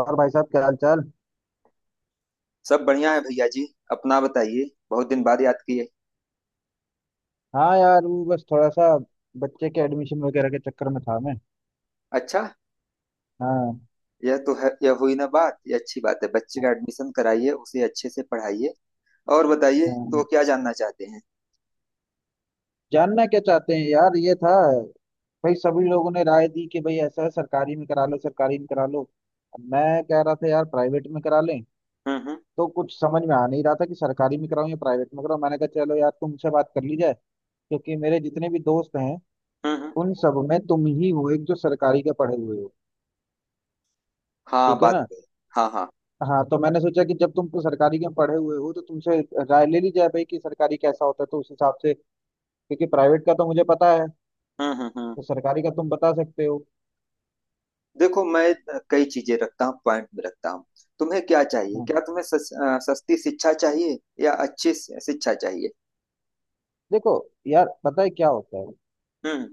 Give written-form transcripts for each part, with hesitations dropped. और भाई साहब क्या हाल चाल। सब बढ़िया है भैया जी। अपना बताइए। बहुत दिन बाद याद किए। हाँ यार, वो बस थोड़ा सा बच्चे के एडमिशन वगैरह के चक्कर में था मैं। अच्छा। हाँ। यह तो है, यह हुई ना बात, यह अच्छी बात है। बच्चे का एडमिशन कराइए, उसे अच्छे से पढ़ाइए। और बताइए, हाँ, तो क्या जानना चाहते हैं? जानना क्या चाहते हैं यार, ये था भाई। सभी लोगों ने राय दी कि भाई ऐसा है, सरकारी में करा लो, सरकारी में करा लो। अब मैं कह रहा था यार प्राइवेट में करा लें। हम्म, हम्म, तो कुछ समझ में आ नहीं रहा था कि सरकारी में कराऊं या प्राइवेट में कराऊं। मैंने कहा चलो यार तुमसे बात कर ली जाए, क्योंकि मेरे जितने भी दोस्त हैं हम्म, उन सब में तुम ही हो एक जो सरकारी के पढ़े हुए हो। हाँ ठीक है बात ना। तो है। हाँ, हाँ। हाँ, तो मैंने सोचा कि जब तुम तो सरकारी के पढ़े हुए हो तो तुमसे राय ले ली जाए भाई कि सरकारी कैसा होता है, तो उस हिसाब से। क्योंकि प्राइवेट का तो मुझे पता है। हम्म, हम्म, हम्म। तो सरकारी का तुम बता सकते हो। देखो, मैं कई चीजें रखता हूँ, पॉइंट में रखता हूँ। तुम्हें क्या चाहिए? क्या हाँ। तुम्हें सस्ती शिक्षा चाहिए या अच्छी शिक्षा चाहिए? देखो यार, पता है क्या होता है। हम्म,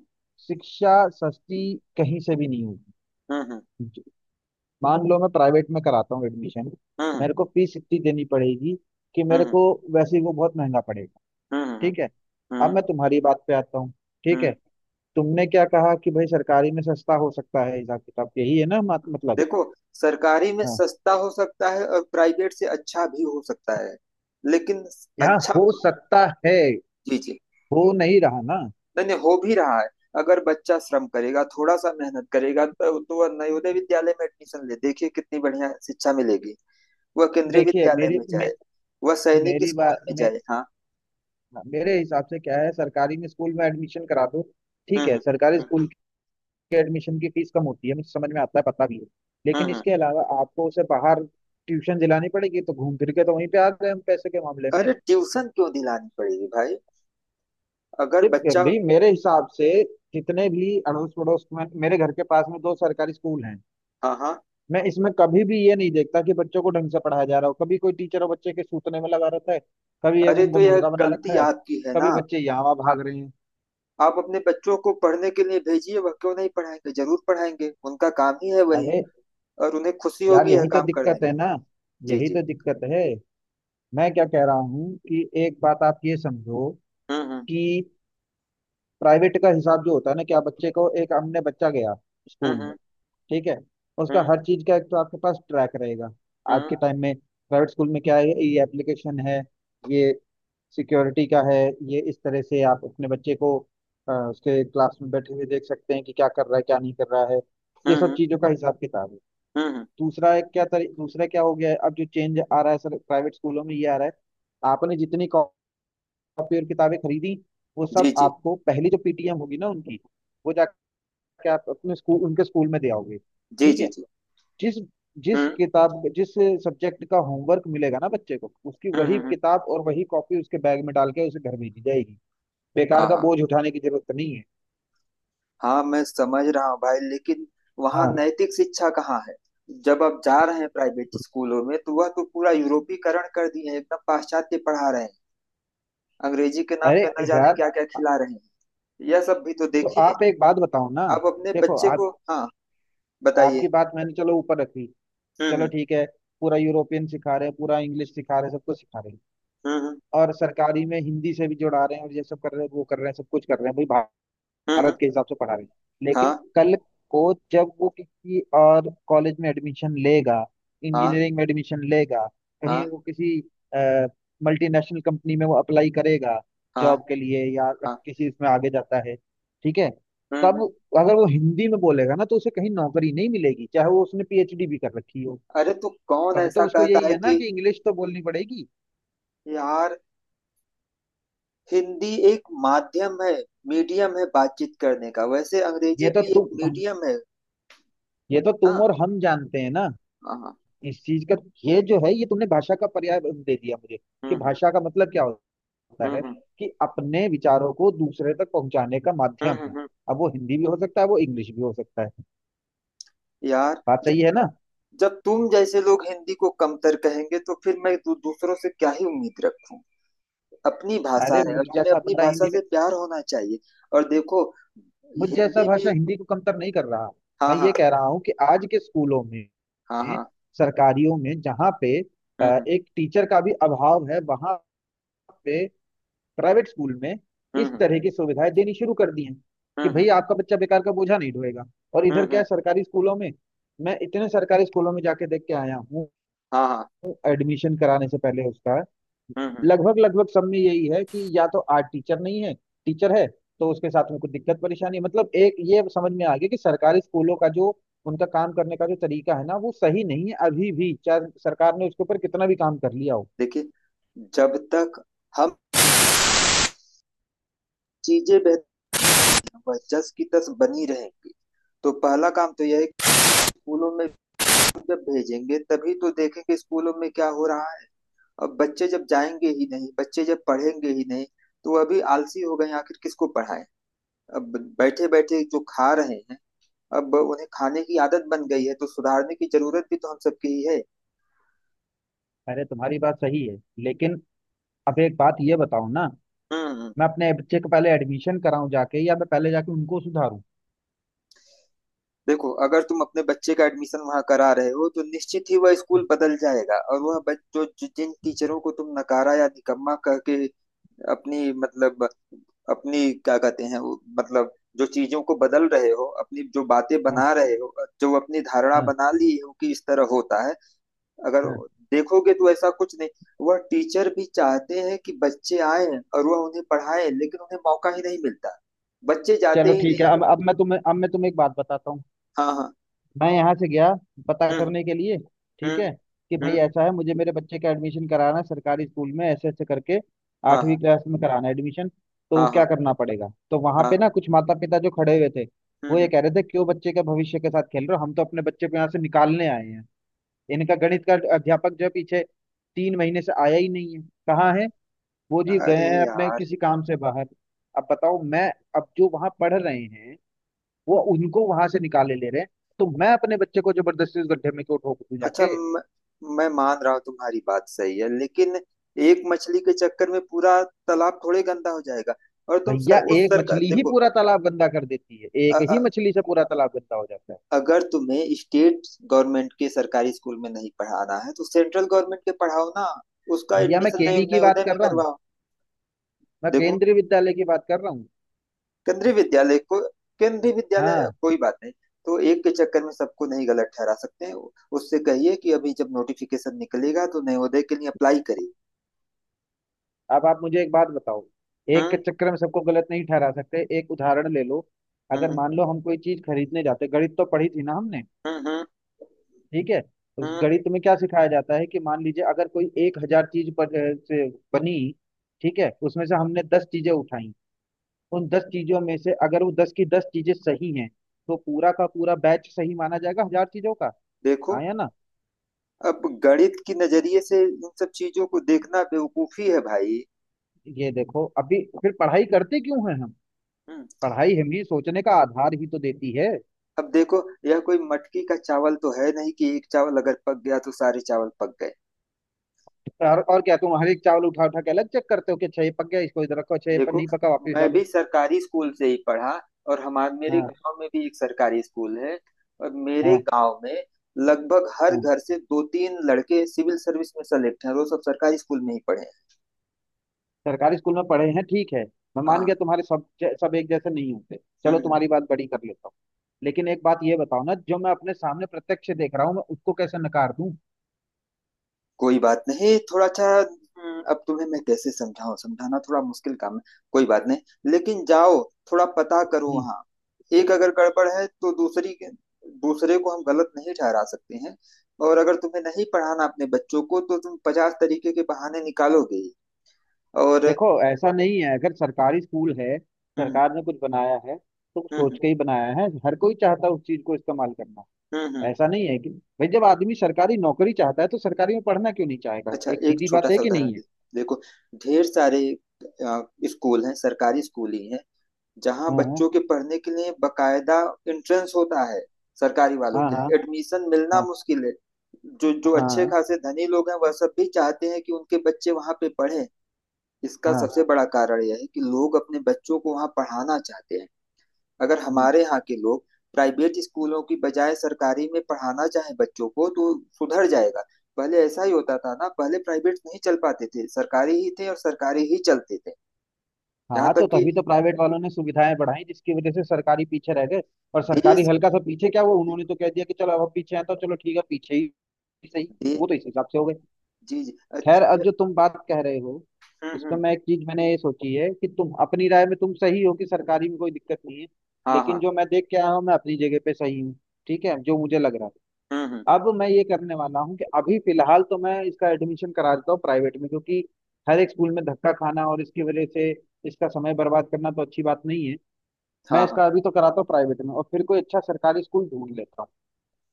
शिक्षा सस्ती कहीं से भी नहीं हम्म, होगी। मान लो मैं प्राइवेट में कराता हूँ एडमिशन, हम्म, मेरे को फीस इतनी देनी पड़ेगी कि मेरे हम्म, को वैसे ही वो बहुत महंगा पड़ेगा। हम्म, हम्म, हम्म, ठीक है। हम्म, अब हम्म, मैं तुम्हारी बात पे आता हूँ। ठीक है। हम्म। तुमने क्या कहा कि भाई सरकारी में सस्ता हो सकता है, हिसाब किताब यही है ना मतलब। देखो, सरकारी में सस्ता हो सकता है और प्राइवेट से अच्छा भी हो सकता है, लेकिन। यहाँ अच्छा। हो सकता है, जी, जी। हो नहीं रहा ना। नहीं नहीं, हो भी रहा है। अगर बच्चा श्रम करेगा, थोड़ा सा मेहनत करेगा, तो वह नवोदय विद्यालय में एडमिशन ले। देखिए कितनी बढ़िया शिक्षा मिलेगी। वह केंद्रीय देखिए विद्यालय में जाए, वह सैनिक मेरी स्कूल बात में मे, जाए। हाँ। मेरे हिसाब से क्या है, सरकारी में स्कूल में एडमिशन करा दो। हम्म, ठीक है, हम्म, सरकारी स्कूल के एडमिशन की फीस कम होती है, मुझे समझ में आता है, पता भी है। हम्म, लेकिन इसके अलावा आपको उसे बाहर ट्यूशन दिलानी पड़ेगी, तो घूम फिर के तो वहीं पे आ गए हम पैसे के मामले में। अरे ट्यूशन क्यों दिलानी पड़ेगी भाई? अगर ये बच्चा। भी मेरे हिसाब से, जितने भी अड़ोस पड़ोस में मेरे घर के पास में दो सरकारी स्कूल हैं, हाँ, हाँ। मैं इसमें कभी भी ये नहीं देखता कि बच्चों को ढंग से पढ़ाया जा रहा हो। कभी कोई टीचर और बच्चे के सूतने में लगा रहता है, कभी एक अरे तो उनको यह मुर्गा बना गलती रखा है, आपकी है कभी ना। बच्चे यहाँ वहाँ भाग रहे हैं। आप अपने बच्चों को पढ़ने के लिए भेजिए, वह क्यों नहीं पढ़ाएंगे, जरूर पढ़ाएंगे, उनका काम ही है वही। अरे और उन्हें खुशी यार, होगी यह यही तो काम करने दिक्कत में। है ना, जी, यही जी। तो दिक्कत है। मैं क्या कह रहा हूँ कि एक बात आप ये समझो, हम्म कि प्राइवेट का हिसाब जो होता है ना, कि आप बच्चे को एक हमने बच्चा गया हम्म, स्कूल में, हम्म, ठीक है, उसका हम्म, हर चीज का एक तो आपके पास ट्रैक रहेगा। आज हम्म, के टाइम में प्राइवेट स्कूल में क्या है, ये एप्लीकेशन है, ये सिक्योरिटी का है, ये इस तरह से आप अपने बच्चे को उसके क्लास में बैठे हुए देख सकते हैं कि क्या कर रहा है, क्या नहीं कर रहा है। हम्म, ये हम्म, सब हम्म, चीज़ों का हिसाब किताब है। हम्म, हम्म। दूसरा एक क्या दूसरा क्या हो गया है, अब जो चेंज आ रहा है सर, प्राइवेट स्कूलों में ये आ रहा है, आपने जितनी कॉपी और किताबें खरीदी वो जी, सब जी, आपको पहली जो पीटीएम होगी ना उनकी, वो जाके आप अपने स्कूल उनके स्कूल में दे आओगे। जी, ठीक जी, है। जी। जिस जिस हम्म, किताब जिस सब्जेक्ट का होमवर्क मिलेगा ना बच्चे को, उसकी हम्म, वही हम्म, हम्म। किताब और वही कॉपी उसके बैग में डाल के उसे घर भेजी जाएगी। बेकार हाँ, का हाँ। बोझ उठाने की जरूरत नहीं है। हाँ, मैं समझ रहा हूँ भाई, लेकिन वहाँ हाँ। नैतिक शिक्षा कहाँ है? जब आप जा रहे हैं प्राइवेट स्कूलों में, तो वह तो पूरा यूरोपीकरण कर दिए हैं, एकदम पाश्चात्य पढ़ा रहे हैं। अंग्रेजी के नाम अरे पे न जाने यार, क्या क्या खिला रहे हैं। यह सब भी तो तो देखिए। आप एक बात बताओ ना। आप अपने देखो बच्चे आप, को। हाँ। बताइए। आपकी बात मैंने चलो ऊपर रखी कि हम्म, चलो हम्म, ठीक है, पूरा यूरोपियन सिखा रहे हैं, पूरा इंग्लिश सिखा रहे हैं, सब कुछ सिखा रहे हैं, हम्म, और सरकारी में हिंदी से भी जोड़ा रहे हैं, और ये सब कर रहे हैं, वो कर रहे हैं, सब कुछ कर रहे हैं भाई, हम्म, हम्म। भारत के हिसाब से पढ़ा रहे हैं। लेकिन हाँ, कल को जब वो किसी और कॉलेज में एडमिशन लेगा, हाँ। इंजीनियरिंग में एडमिशन लेगा, कहीं हाँ, वो किसी मल्टीनेशनल कंपनी में वो अप्लाई करेगा हाँ, जॉब के लिए, या हाँ। किसी इसमें आगे जाता है, ठीक है, हम्म, तब अगर वो हिंदी में बोलेगा ना तो उसे कहीं नौकरी नहीं मिलेगी, चाहे वो उसने पीएचडी भी कर रखी हो। अरे तो कौन तब तो ऐसा उसको कहता यही है है ना कि। कि इंग्लिश तो बोलनी पड़ेगी। यार, हिंदी एक माध्यम है, मीडियम है बातचीत करने का, वैसे अंग्रेजी ये तो भी एक तुम मीडियम है। ये तो तुम ना। और हम जानते हैं ना हाँ, हाँ। इस चीज का। ये जो है ये तुमने भाषा का पर्याय दे दिया मुझे, हम्म, कि हम्म, भाषा का मतलब क्या होता है, हम्म, कि अपने विचारों को दूसरे तक पहुंचाने का हम्म, माध्यम है। हम्म, अब वो हिंदी भी हो सकता है, वो इंग्लिश भी हो सकता है। यार, बात जब सही है ना। जब तुम जैसे लोग हिंदी को कमतर कहेंगे तो फिर मैं दूसरों से क्या ही उम्मीद रखूं? अपनी भाषा अरे है मुझ और हमें जैसा अपनी बंदा भाषा हिंदी में, से प्यार होना चाहिए। और देखो, मुझ जैसा हिंदी भाषा भी। हिंदी को कमतर नहीं कर रहा। हाँ, मैं ये हाँ, कह रहा हूँ कि आज के स्कूलों हाँ, में, हाँ। सरकारियों में जहाँ पे हम्म, एक टीचर का भी अभाव है, वहां पे प्राइवेट स्कूल में हम्म, इस हम्म, तरह की सुविधाएं देनी शुरू कर दी हैं कि हम्म, भाई हम्म, आपका बच्चा बेकार का बोझा नहीं ढोएगा। और हम्म, इधर हम्म, क्या है हम्म। सरकारी स्कूलों में। मैं इतने सरकारी स्कूलों में जाके देख के आया हूँ हाँ, हाँ। एडमिशन कराने से पहले उसका। हम्म, हम्म। लगभग लगभग सब में यही है कि या तो आर्ट टीचर नहीं है, टीचर है तो उसके साथ में कुछ दिक्कत परेशानी है। मतलब एक ये समझ में आ गया कि सरकारी स्कूलों का जो उनका काम करने का जो तरीका है ना वो सही नहीं है अभी भी, चाहे सरकार ने उसके ऊपर कितना भी काम कर लिया हो। देखिए, जब तक हम चीजें बेहतर, वह जस की तस बनी रहेंगी। तो पहला काम तो यह है कि स्कूलों में जब भेजेंगे तभी तो देखेंगे स्कूलों में क्या हो रहा है। अब बच्चे जब जाएंगे ही नहीं, बच्चे जब पढ़ेंगे ही नहीं, तो अभी आलसी हो गए हैं, आखिर किसको पढ़ाएं? अब बैठे बैठे जो खा रहे हैं, अब उन्हें खाने की आदत बन गई है तो सुधारने की जरूरत भी तो हम सबकी ही है। अरे तुम्हारी बात सही है, लेकिन अब एक बात ये बताओ ना, हम्म। मैं अपने बच्चे को पहले एडमिशन कराऊं जाके, या मैं पहले जाके उनको सुधारूं। देखो, अगर तुम अपने बच्चे का एडमिशन वहां करा रहे हो तो निश्चित ही वह स्कूल बदल जाएगा। और वह बच- जो जो- जिन टीचरों को तुम नकारा या निकम्मा कह के, अपनी मतलब, अपनी क्या कहते हैं वो मतलब, जो चीजों को बदल रहे हो, अपनी जो बातें हाँ बना रहे हो, जो अपनी धारणा हाँ। बना ली हो कि इस तरह होता है, अगर हाँ, देखोगे तो ऐसा कुछ नहीं। वह टीचर भी चाहते हैं कि बच्चे आए और वह उन्हें पढ़ाए, लेकिन उन्हें मौका ही नहीं मिलता, बच्चे चलो जाते ही ठीक है। नहीं। अब मैं तुम्हें एक बात बताता हूँ। हाँ, हाँ। मैं यहाँ से गया पता हम्म, करने के लिए, ठीक हम्म, है, कि भाई हम्म। ऐसा है, मुझे मेरे बच्चे का एडमिशन कराना है सरकारी स्कूल में, ऐसे ऐसे करके हाँ, 8वीं हाँ, क्लास में कराना है एडमिशन, तो हाँ, क्या हाँ, करना पड़ेगा। तो वहां हाँ। पे ना कुछ माता पिता जो खड़े हुए थे, हम्म, वो ये कह रहे थे, क्यों बच्चे के भविष्य के साथ खेल रहे हो, हम तो अपने बच्चे को यहाँ से निकालने आए हैं, इनका गणित का अध्यापक जो है पीछे 3 महीने से आया ही नहीं है, कहाँ है वो, जी गए अरे हैं अपने यार। किसी काम से बाहर। अब बताओ मैं, अब जो वहां पढ़ रहे हैं वो उनको वहां से निकाले ले रहे हैं, तो मैं अपने बच्चे को जबरदस्ती उस गड्ढे में क्यों ठोक दूं अच्छा जाके। म, मैं मान रहा हूँ तुम्हारी बात सही है, लेकिन एक मछली के चक्कर में पूरा तालाब थोड़े गंदा हो जाएगा। और तुम भैया सर उस एक सरकार मछली ही देखो। पूरा तालाब गंदा कर देती है, अ, एक अ, ही मछली से पूरा तालाब गंदा हो जाता है। अगर तुम्हें स्टेट गवर्नमेंट के सरकारी स्कूल में नहीं पढ़ाना है तो सेंट्रल गवर्नमेंट के पढ़ाओ ना। उसका भैया मैं एडमिशन केवी की बात नवोदय में कर रहा हूँ, करवाओ। मैं देखो, केंद्रीय विद्यालय की बात कर रहा हूँ। केंद्रीय विद्यालय को, केंद्रीय हाँ। विद्यालय कोई बात नहीं। तो एक के चक्कर में सबको नहीं गलत ठहरा सकते हैं। उससे कहिए कि अभी जब नोटिफिकेशन निकलेगा तो नवोदय के लिए अप्लाई करिए। अब आप मुझे एक बात बताओ, एक हम्म, के चक्कर में सबको गलत नहीं ठहरा सकते, एक उदाहरण ले लो। अगर हम्म, मान लो हम कोई चीज खरीदने जाते, गणित तो पढ़ी थी ना हमने, हम्म, हम्म, ठीक है, तो उस हम्म। गणित में क्या सिखाया जाता है, कि मान लीजिए अगर कोई 1,000 चीज पर से बनी, ठीक है, उसमें से हमने 10 चीजें उठाई, उन 10 चीजों में से अगर वो 10 की 10 चीजें सही हैं तो पूरा का पूरा बैच सही माना जाएगा 1,000 चीजों का। देखो, आया ना। अब गणित की नजरिए से इन सब चीजों को देखना बेवकूफी है भाई। ये देखो, अभी फिर पढ़ाई करते क्यों हैं हम, हम्म। पढ़ाई हमें सोचने का आधार ही तो देती है। अब देखो, यह कोई मटकी का चावल तो है नहीं कि एक चावल अगर पक गया तो सारे चावल पक गए। और क्या तुम हर एक चावल उठा उठा के अलग चेक करते हो, कि अच्छा ये पक गया इसको इधर रखो, अच्छा ये पर देखो, नहीं पका वापस मैं भी डालो। सरकारी स्कूल से ही पढ़ा। और हमारे मेरे हाँ। गांव में भी एक सरकारी स्कूल है। और मेरे हाँ। गांव में लगभग हर हाँ, घर से दो तीन लड़के सिविल सर्विस में सेलेक्ट हैं, और वो सब सरकारी स्कूल में ही पढ़े हैं। सरकारी स्कूल में पढ़े हैं, ठीक है, मैं मान हाँ। गया तुम्हारे सब, सब एक जैसे नहीं होते। चलो हम्म। तुम्हारी बात बड़ी कर लेता हूँ, लेकिन एक बात ये बताओ ना, जो मैं अपने सामने प्रत्यक्ष देख रहा हूँ मैं उसको कैसे नकार दूं। कोई बात नहीं, थोड़ा सा अब तुम्हें मैं कैसे समझाऊं, समझाना थोड़ा मुश्किल काम है। कोई बात नहीं, लेकिन जाओ, थोड़ा पता करो हम्म। वहाँ। एक अगर गड़बड़ है तो दूसरे को हम गलत नहीं ठहरा सकते हैं। और अगर तुम्हें नहीं पढ़ाना अपने बच्चों को तो तुम 50 तरीके के बहाने निकालोगे ही। और। देखो ऐसा नहीं है, अगर सरकारी स्कूल है, हम्म, सरकार ने कुछ बनाया है तो हम्म, सोच हम्म, के ही बनाया है, हर कोई चाहता है उस चीज को इस्तेमाल करना। हम्म, ऐसा नहीं है कि भाई जब आदमी सरकारी नौकरी चाहता है तो सरकारी में पढ़ना क्यों नहीं चाहेगा, अच्छा, एक एक सीधी बात छोटा है, सा कि उदाहरण नहीं है। देखो, ढेर सारे अ, स्कूल हैं, सरकारी स्कूल ही हैं, जहाँ हाँ बच्चों के पढ़ने के लिए बकायदा एंट्रेंस होता है। सरकारी वालों हाँ। के हाँ। लिए एडमिशन मिलना हाँ मुश्किल है। जो जो हाँ। अच्छे हाँ, खासे धनी लोग हैं वह सब भी चाहते हैं कि उनके बच्चे वहाँ पे पढ़ें। इसका हाँ, सबसे बड़ा कारण यह है कि लोग अपने बच्चों को वहाँ पढ़ाना चाहते हैं। अगर हाँ। हमारे यहाँ के लोग प्राइवेट स्कूलों की बजाय सरकारी में पढ़ाना चाहें बच्चों को, तो सुधर जाएगा। पहले ऐसा ही होता था ना, पहले प्राइवेट नहीं चल पाते थे, सरकारी ही थे और सरकारी ही चलते थे। यहाँ हाँ, तक तो कि तभी तो प्राइवेट वालों ने सुविधाएं बढ़ाई, जिसकी वजह से सरकारी पीछे रह गए। और सरकारी देश हल्का सा पीछे क्या हुआ, उन्होंने तो कह दिया कि चलो अब हम पीछे हैं, तो चलो ठीक है, पीछे ही सही, दे, वो तो इस हिसाब से हो गए। जी, जी। खैर, अब अच्छ जो तुम बात कह रहे हो हुँ, इस पर हुँ। मैं एक चीज मैंने ये सोची है, कि तुम अपनी राय में तुम सही हो कि सरकारी में कोई दिक्कत नहीं है, हाँ, लेकिन हाँ। जो मैं देख के आया हूँ मैं अपनी जगह पे सही हूँ। ठीक है, जो मुझे लग रहा है, हुँ, हुँ। अब मैं ये करने वाला हूँ कि अभी फिलहाल तो मैं इसका एडमिशन करा देता हूँ प्राइवेट में, क्योंकि हर एक स्कूल में धक्का खाना और इसकी वजह से इसका समय बर्बाद करना तो अच्छी बात नहीं है। मैं हाँ, हाँ। इसका अभी तो कराता हूँ प्राइवेट में, और फिर कोई अच्छा सरकारी स्कूल ढूंढ लेता हूँ।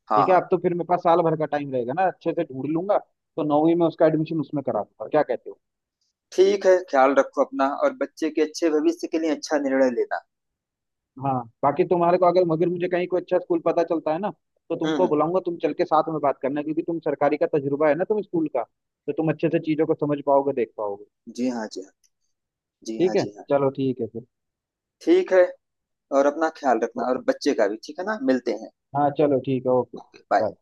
हाँ, ठीक है, हाँ। अब तो फिर मेरे पास साल भर का टाइम रहेगा ना, अच्छे से ढूंढ लूंगा, तो 9वीं में उसका एडमिशन उसमें करा दूंगा। क्या कहते हो। ठीक है, ख़्याल रखो अपना, और बच्चे के अच्छे भविष्य के लिए अच्छा निर्णय लेना। हाँ, बाकी तुम्हारे को अगर मगर मुझे कहीं कोई अच्छा स्कूल पता चलता है ना तो हुँ, तुमको हुँ। बुलाऊंगा, तुम चल के साथ में बात करना, क्योंकि तुम सरकारी का तजुर्बा है ना तुम स्कूल का, तो तुम अच्छे से चीजों को समझ पाओगे देख पाओगे। जी हाँ, जी हाँ। जी हाँ, ठीक है। जी हाँ। चलो ठीक है फिर। ठीक है, और अपना ख़्याल रखना और बच्चे का भी, ठीक है ना? मिलते हैं। हाँ, चलो ठीक है, ओके। बाय। बाय।